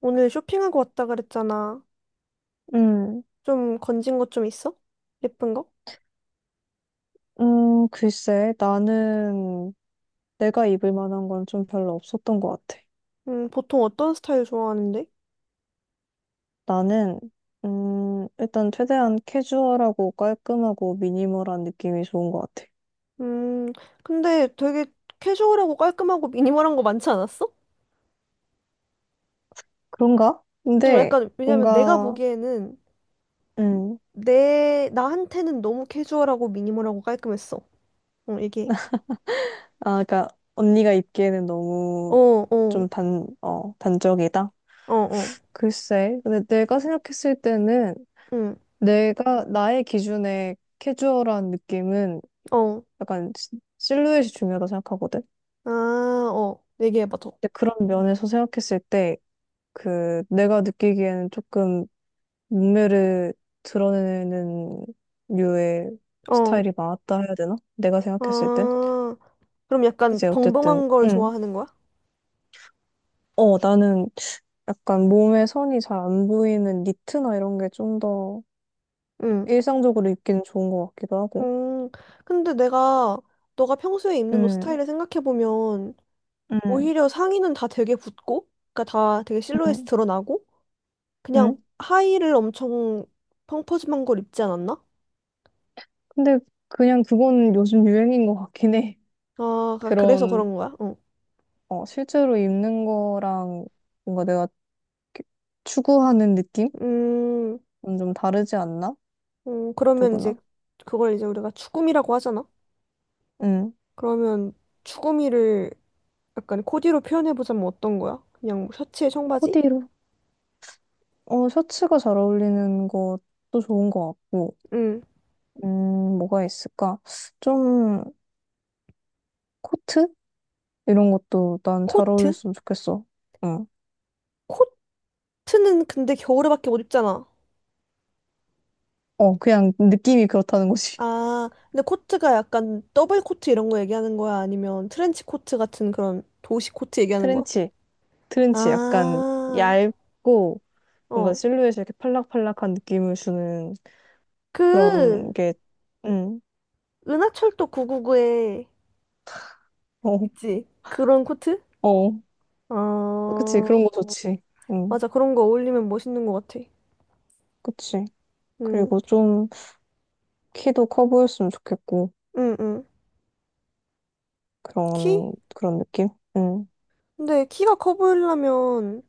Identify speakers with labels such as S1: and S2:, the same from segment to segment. S1: 오늘 쇼핑하고 왔다 그랬잖아.
S2: 음,
S1: 좀 건진 것 좀 있어? 예쁜 거?
S2: 글쎄, 나는 내가 입을 만한 건 좀 별로 없었던 것 같아.
S1: 보통 어떤 스타일 좋아하는데?
S2: 나는, 일단 최대한 캐주얼하고 깔끔하고 미니멀한 느낌이 좋은 것 같아.
S1: 음, 근데 되게 캐주얼하고 깔끔하고 미니멀한 거 많지 않았어?
S2: 그런가?
S1: 어,
S2: 근데
S1: 약간, 왜냐면 내가
S2: 뭔가,
S1: 보기에는
S2: 음,
S1: 나한테는 너무 캐주얼하고 미니멀하고 깔끔했어. 어, 이게.
S2: 아, 그러니까 언니가 입기에는
S1: 어,
S2: 너무
S1: 어,
S2: 좀 단적이다?
S1: 어, 어,
S2: 글쎄, 근데 내가 생각했을 때는
S1: 응,
S2: 내가, 나의 기준에 캐주얼한 느낌은
S1: 어.
S2: 약간 실루엣이 중요하다 생각하거든.
S1: 아, 어. 얘기해봐, 더.
S2: 근데 그런 면에서 생각했을 때, 그, 내가 느끼기에는 조금 몸매를 드러내는 류의
S1: 어.
S2: 스타일이 맞다 해야 되나? 내가 생각했을 땐?
S1: 아, 그럼 약간
S2: 이제 어쨌든,
S1: 벙벙한 걸
S2: 응.
S1: 좋아하는 거야?
S2: 어, 나는 약간 몸에 선이 잘 안 보이는 니트나 이런 게 좀 더
S1: 응.
S2: 일상적으로 입기는 좋은 것 같기도 하고.
S1: 음, 근데 내가, 너가 평소에 입는 옷
S2: 응,
S1: 스타일을 생각해보면,
S2: 응,
S1: 오히려 상의는 다 되게 붙고, 그니까 다 되게 실루엣이
S2: 응,
S1: 드러나고,
S2: 응.
S1: 그냥 하의를 엄청 펑퍼짐한 걸 입지 않았나?
S2: 근데 그냥 그건 요즘 유행인 것 같긴 해.
S1: 아, 그래서
S2: 그런,
S1: 그런 거야. 응.
S2: 실제로 입는 거랑 뭔가 내가 이렇게 추구하는 느낌?
S1: 음,
S2: 좀 다르지 않나?
S1: 그러면 이제,
S2: 누구나.
S1: 그걸 이제 우리가 추구미라고 하잖아?
S2: 음.
S1: 그러면 추구미를 약간 코디로 표현해보자면 어떤 거야? 그냥 뭐 셔츠에 청바지?
S2: 코디로. 어, 셔츠가 잘 어울리는 것도 좋은 것 같고.
S1: 응.
S2: 뭐가 있을까? 좀, 코트? 이런 것도 난 잘
S1: 코트?
S2: 어울렸으면 좋겠어. 응.
S1: 코트는 근데 겨울에밖에 못 입잖아.
S2: 어, 그냥 느낌이 그렇다는 거지.
S1: 아, 근데 코트가 약간 더블 코트 이런 거 얘기하는 거야? 아니면 트렌치 코트 같은 그런 도시 코트 얘기하는 거야?
S2: 트렌치. 트렌치 약간
S1: 아,
S2: 얇고 뭔가
S1: 어.
S2: 실루엣이 이렇게 팔락팔락한 느낌을 주는 그런
S1: 그,
S2: 게, 응.
S1: 은하철도 999에
S2: 어,
S1: 있지? 그런 코트?
S2: 어. 그치.
S1: 어,
S2: 그런 거 좋지. 응.
S1: 맞아. 그런 거 어울리면 멋있는 것 같아.
S2: 그치.
S1: 응,
S2: 그리고 좀 키도 커 보였으면 좋겠고
S1: 응, 응. 키?
S2: 그런 느낌? 응.
S1: 근데 키가 커 보이려면,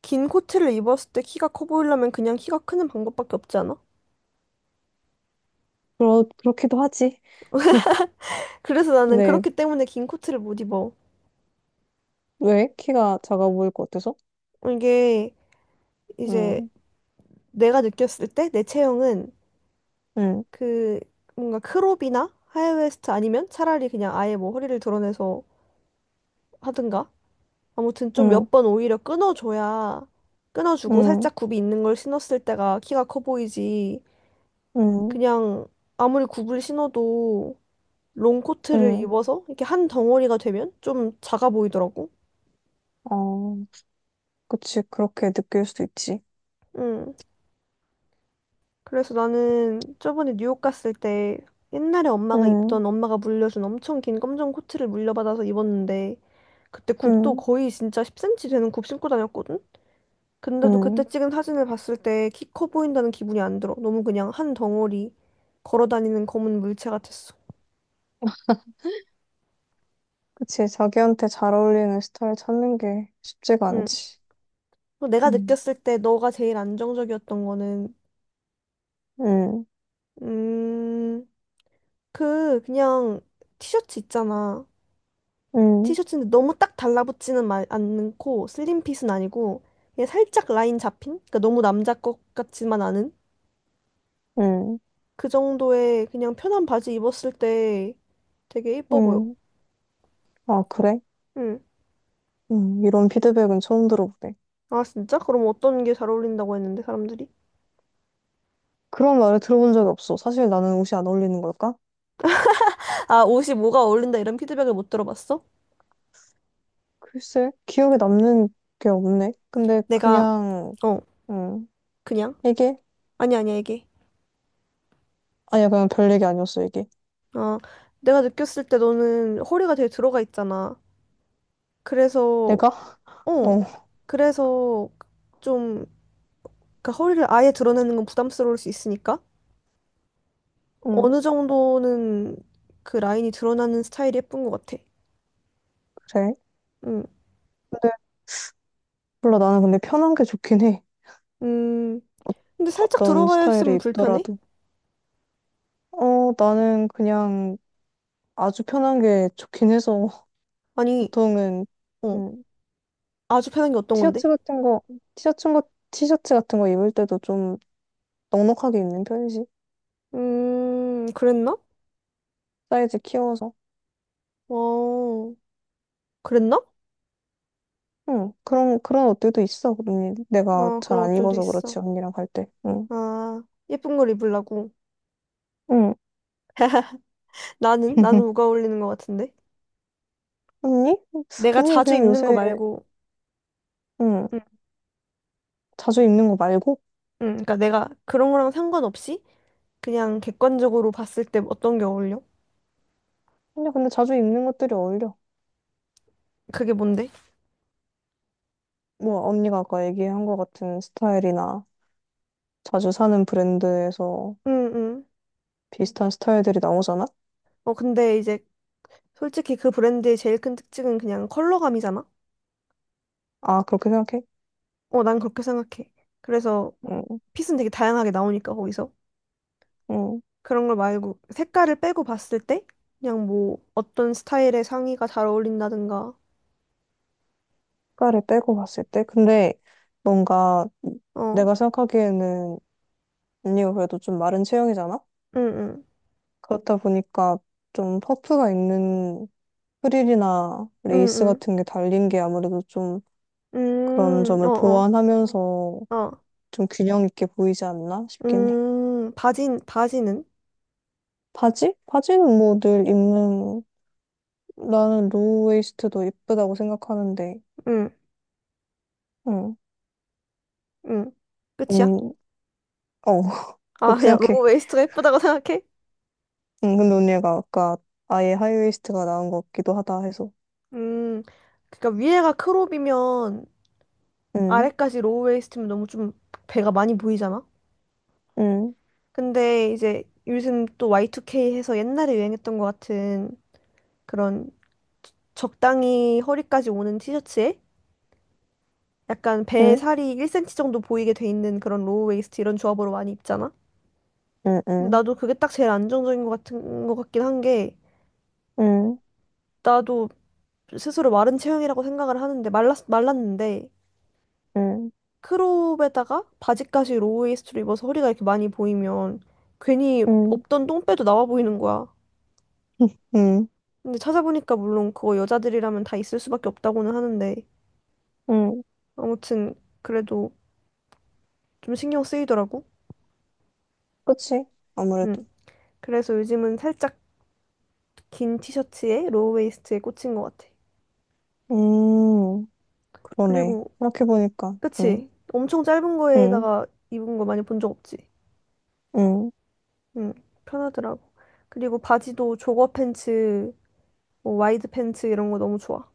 S1: 긴 코트를 입었을 때 키가 커 보이려면 그냥 키가 크는 방법밖에 없지 않아?
S2: 그렇기도 하지.
S1: 그래서 나는
S2: 네.
S1: 그렇기 때문에 긴 코트를 못 입어.
S2: 왜? 키가 작아 보일 것 같아서?
S1: 이게, 이제
S2: 응.
S1: 내가 느꼈을 때 내 체형은
S2: 응.
S1: 그 뭔가 크롭이나 하이웨스트 아니면 차라리 그냥 아예 뭐 허리를 드러내서 하든가 아무튼 좀
S2: 응.
S1: 몇 번 오히려 끊어줘야 끊어주고
S2: 응.
S1: 살짝 굽이 있는 걸 신었을 때가 키가 커 보이지
S2: 응.
S1: 그냥 아무리 굽을 신어도 롱코트를
S2: 응.
S1: 입어서 이렇게 한 덩어리가 되면 좀 작아 보이더라고.
S2: 어. 그치. 그렇게 느낄 수도 있지.
S1: 응. 그래서 나는 저번에 뉴욕 갔을 때 옛날에 엄마가
S2: 응.
S1: 입던 엄마가 물려준 엄청 긴 검정 코트를 물려받아서 입었는데 그때 굽도
S2: 응.
S1: 거의 진짜 10cm 되는 굽 신고 다녔거든? 근데도 그때
S2: 응.
S1: 찍은 사진을 봤을 때 키 커 보인다는 기분이 안 들어. 너무 그냥 한 덩어리 걸어 다니는 검은 물체 같았어.
S2: 그치. 자기한테 잘 어울리는 스타일 찾는 게 쉽지가
S1: 응.
S2: 않지.
S1: 또 내가
S2: 응.
S1: 느꼈을 때 너가 제일 안정적이었던 거는
S2: 응.
S1: 음, 그냥 티셔츠 있잖아.
S2: 응.
S1: 티셔츠인데 너무 딱 달라붙지는 않고 슬림핏은 아니고 그냥 살짝 라인 잡힌? 그러니까 너무 남자 것 같지만 않은
S2: 응.
S1: 그 정도의 그냥 편한 바지 입었을 때 되게 예뻐 보여.
S2: 응. 아, 그래?
S1: 응.
S2: 응. 이런 피드백은 처음 들어보네.
S1: 아 진짜? 그럼 어떤 게 잘 어울린다고 했는데 사람들이?
S2: 그런 말을 들어본 적이 없어. 사실 나는 옷이 안 어울리는 걸까?
S1: 아 옷이 뭐가 어울린다 이런 피드백을 못 들어봤어?
S2: 글쎄, 기억에 남는 게 없네. 근데
S1: 내가
S2: 그냥,
S1: 어
S2: 음,
S1: 그냥
S2: 이게?
S1: 아니 아니야 이게.
S2: 아니야, 그냥 별 얘기 아니었어, 이게.
S1: 어 내가 느꼈을 때 너는 허리가 되게 들어가 있잖아. 그래서
S2: 내가?
S1: 어
S2: 어,
S1: 그래서 좀 그 허리를 아예 드러내는 건 부담스러울 수 있으니까
S2: 음,
S1: 어느 정도는 그 라인이 드러나는 스타일이 예쁜 것 같아.
S2: 그래.
S1: 음,
S2: 근데 몰라, 나는 근데 편한 게 좋긴 해.
S1: 음, 근데 살짝
S2: 어떤
S1: 들어가 있으면
S2: 스타일을
S1: 불편해?
S2: 입더라도. 어, 나는 그냥 아주 편한 게 좋긴 해서
S1: 아니,
S2: 보통은,
S1: 어,
S2: 음,
S1: 아주 편한 게 어떤 건데?
S2: 티셔츠 같은 거, 티셔츠, 티셔츠 같은 거 입을 때도 좀 넉넉하게 입는 편이지.
S1: 그랬나?
S2: 사이즈 키워서.
S1: 어, 그랬나?
S2: 응, 그런 옷들도 있어. 언니, 내가
S1: 어,
S2: 잘
S1: 그런
S2: 안
S1: 옷들도
S2: 입어서
S1: 있어.
S2: 그렇지, 언니랑 갈 때. 응,
S1: 아, 예쁜 걸 입으려고.
S2: 응.
S1: 나는 뭐가 어울리는 것 같은데?
S2: 언니?
S1: 내가
S2: 언니
S1: 자주
S2: 그냥
S1: 입는 거
S2: 요새,
S1: 말고,
S2: 응,
S1: 응
S2: 자주 입는 거 말고?
S1: 응. 그러니까 내가 그런 거랑 상관없이 그냥 객관적으로 봤을 때 어떤 게 어울려?
S2: 언니 근데 자주 입는 것들이 어울려.
S1: 그게 뭔데?
S2: 뭐, 언니가 아까 얘기한 것 같은 스타일이나 자주 사는 브랜드에서
S1: 응, 응.
S2: 비슷한 스타일들이 나오잖아?
S1: 어, 근데 이제 솔직히 그 브랜드의 제일 큰 특징은 그냥 컬러감이잖아?
S2: 아, 그렇게 생각해?
S1: 어, 난 그렇게 생각해. 그래서
S2: 응,
S1: 핏은 되게 다양하게 나오니까, 거기서.
S2: 응.
S1: 그런 걸 말고 색깔을 빼고 봤을 때 그냥 뭐 어떤 스타일의 상의가 잘 어울린다든가.
S2: 색깔을 빼고 봤을 때? 근데 뭔가
S1: 어,
S2: 내가 생각하기에는 언니가 그래도 좀 마른 체형이잖아?
S1: 응, 응,
S2: 그렇다 보니까 좀 퍼프가 있는 프릴이나 레이스
S1: 응,
S2: 같은 게 달린 게 아무래도 좀
S1: 응.
S2: 그런 점을
S1: 어,
S2: 보완하면서
S1: 어, 어.
S2: 좀 균형 있게 보이지 않나 싶긴 해.
S1: 바지는?
S2: 바지? 바지는 뭐 늘 입는 나는 로우웨이스트도 예쁘다고 생각하는데,
S1: 응,
S2: 응,
S1: 응. 끝이야?
S2: 음, 어,
S1: 아,
S2: 그렇게
S1: 그냥 로우
S2: 생각해.
S1: 웨이스트가 예쁘다고 생각해?
S2: 응, 근데 언니가 아까 아예 하이웨이스트가 나은 것 같기도 하다 해서,
S1: 음, 그러니까 위에가 크롭이면
S2: 응,
S1: 아래까지 로우 웨이스트면 너무 좀 배가 많이 보이잖아?
S2: 응,
S1: 근데 이제 요즘 또 Y2K 해서 옛날에 유행했던 것 같은 그런 적당히 허리까지 오는 티셔츠에 약간 배
S2: 응,
S1: 살이 1cm 정도 보이게 돼 있는 그런 로우 웨이스트 이런 조합으로 많이 입잖아?
S2: 응,
S1: 근데
S2: 응,
S1: 나도 그게 딱 제일 안정적인 것 같은 것 같긴 한 게
S2: 응,
S1: 나도 스스로 마른 체형이라고 생각을 하는데 말랐는데
S2: 응,
S1: 크롭에다가 바지까지 로우 웨이스트로 입어서 허리가 이렇게 많이 보이면 괜히
S2: 응, 응,
S1: 없던 똥배도 나와 보이는 거야.
S2: 응,
S1: 근데 찾아보니까 물론 그거 여자들이라면 다 있을 수밖에 없다고는 하는데
S2: 응,
S1: 아무튼 그래도 좀 신경 쓰이더라고.
S2: 그치?
S1: 응.
S2: 아무래도.
S1: 그래서 요즘은 살짝 긴 티셔츠에 로우웨이스트에 꽂힌 것 같아.
S2: 음. 그러네.
S1: 그리고
S2: 생각해보니까. 응,
S1: 그치? 엄청 짧은
S2: 응,
S1: 거에다가 입은 거 많이 본 적 없지?
S2: 응,
S1: 응. 편하더라고. 그리고 바지도 조거 팬츠, 뭐 와이드 팬츠 이런 거 너무 좋아.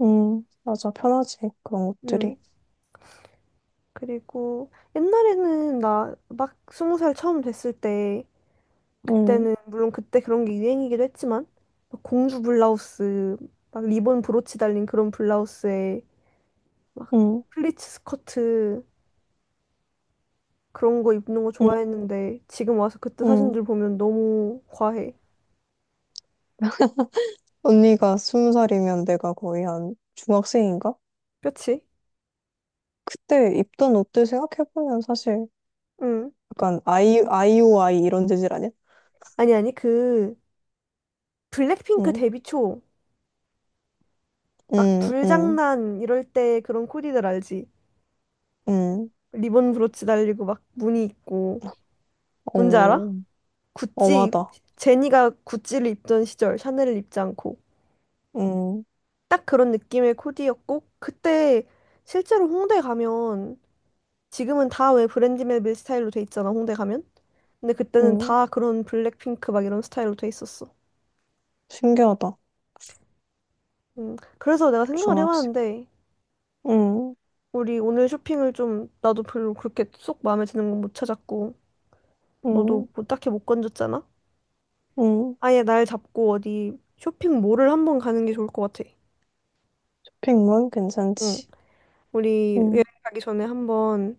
S2: 응. 맞아. 편하지. 그런
S1: 응.
S2: 것들이.
S1: 그리고 옛날에는 나 막 스무 살 처음 됐을 때
S2: 응,
S1: 그때는 물론 그때 그런 게 유행이기도 했지만 막 공주 블라우스 막 리본 브로치 달린 그런 블라우스에 막
S2: 응,
S1: 플리츠 스커트 그런 거 입는 거
S2: 응,
S1: 좋아했는데 지금 와서 그때
S2: 응.
S1: 사진들 보면 너무 과해
S2: 언니가 스무 살이면 내가 거의 한 중학생인가?
S1: 그렇지?
S2: 그때 입던 옷들 생각해보면 사실
S1: 응
S2: 약간 아이오아이 이런 재질 아니야?
S1: 아니 그 블랙핑크
S2: 응,
S1: 데뷔 초 막
S2: 응, 응,
S1: 불장난 이럴 때 그런 코디들 알지?
S2: 응.
S1: 리본 브로치 달리고 막 무늬 있고 뭔지 알아?
S2: 어,
S1: 구찌
S2: 엄하다.
S1: 제니가 구찌를 입던 시절 샤넬을 입지 않고
S2: 응,
S1: 딱 그런 느낌의 코디였고 그때 실제로 홍대 가면 지금은 다 왜 브랜디멜빌 스타일로 돼 있잖아 홍대 가면 근데 그때는
S2: 응.
S1: 다 그런 블랙핑크 막 이런 스타일로 돼 있었어
S2: 신기하다.
S1: 그래서 내가 생각을
S2: 중학생.
S1: 해봤는데
S2: 응,
S1: 우리 오늘 쇼핑을 좀 나도 별로 그렇게 쏙 마음에 드는 건 못 찾았고
S2: 응,
S1: 너도 뭐 딱히 못 건졌잖아
S2: 응.
S1: 아예 날 잡고 어디 쇼핑몰을 한번 가는 게 좋을 것 같아
S2: 쇼핑몰
S1: 응
S2: 괜찮지.
S1: 우리 여행
S2: 응.
S1: 가기 전에 한번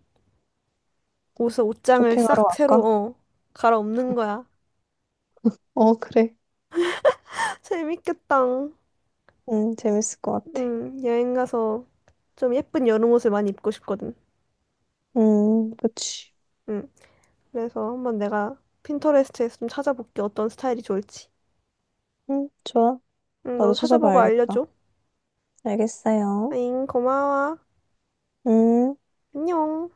S1: 옷을 옷장을
S2: 쇼핑하러
S1: 싹 새로
S2: 갈까?
S1: 어 갈아엎는 거야
S2: 어, 그래.
S1: 재밌겠다.
S2: 재밌을 것 같아.
S1: 응, 여행 가서 좀 예쁜 여름 옷을 많이 입고 싶거든.
S2: 그치.
S1: 응, 그래서 한번 내가 핀터레스트에서 좀 찾아볼게. 어떤 스타일이 좋을지.
S2: 좋아.
S1: 응, 너도
S2: 나도
S1: 찾아보고
S2: 찾아봐야겠다.
S1: 알려줘.
S2: 알겠어요.
S1: 아잉, 고마워.
S2: 음.
S1: 안녕.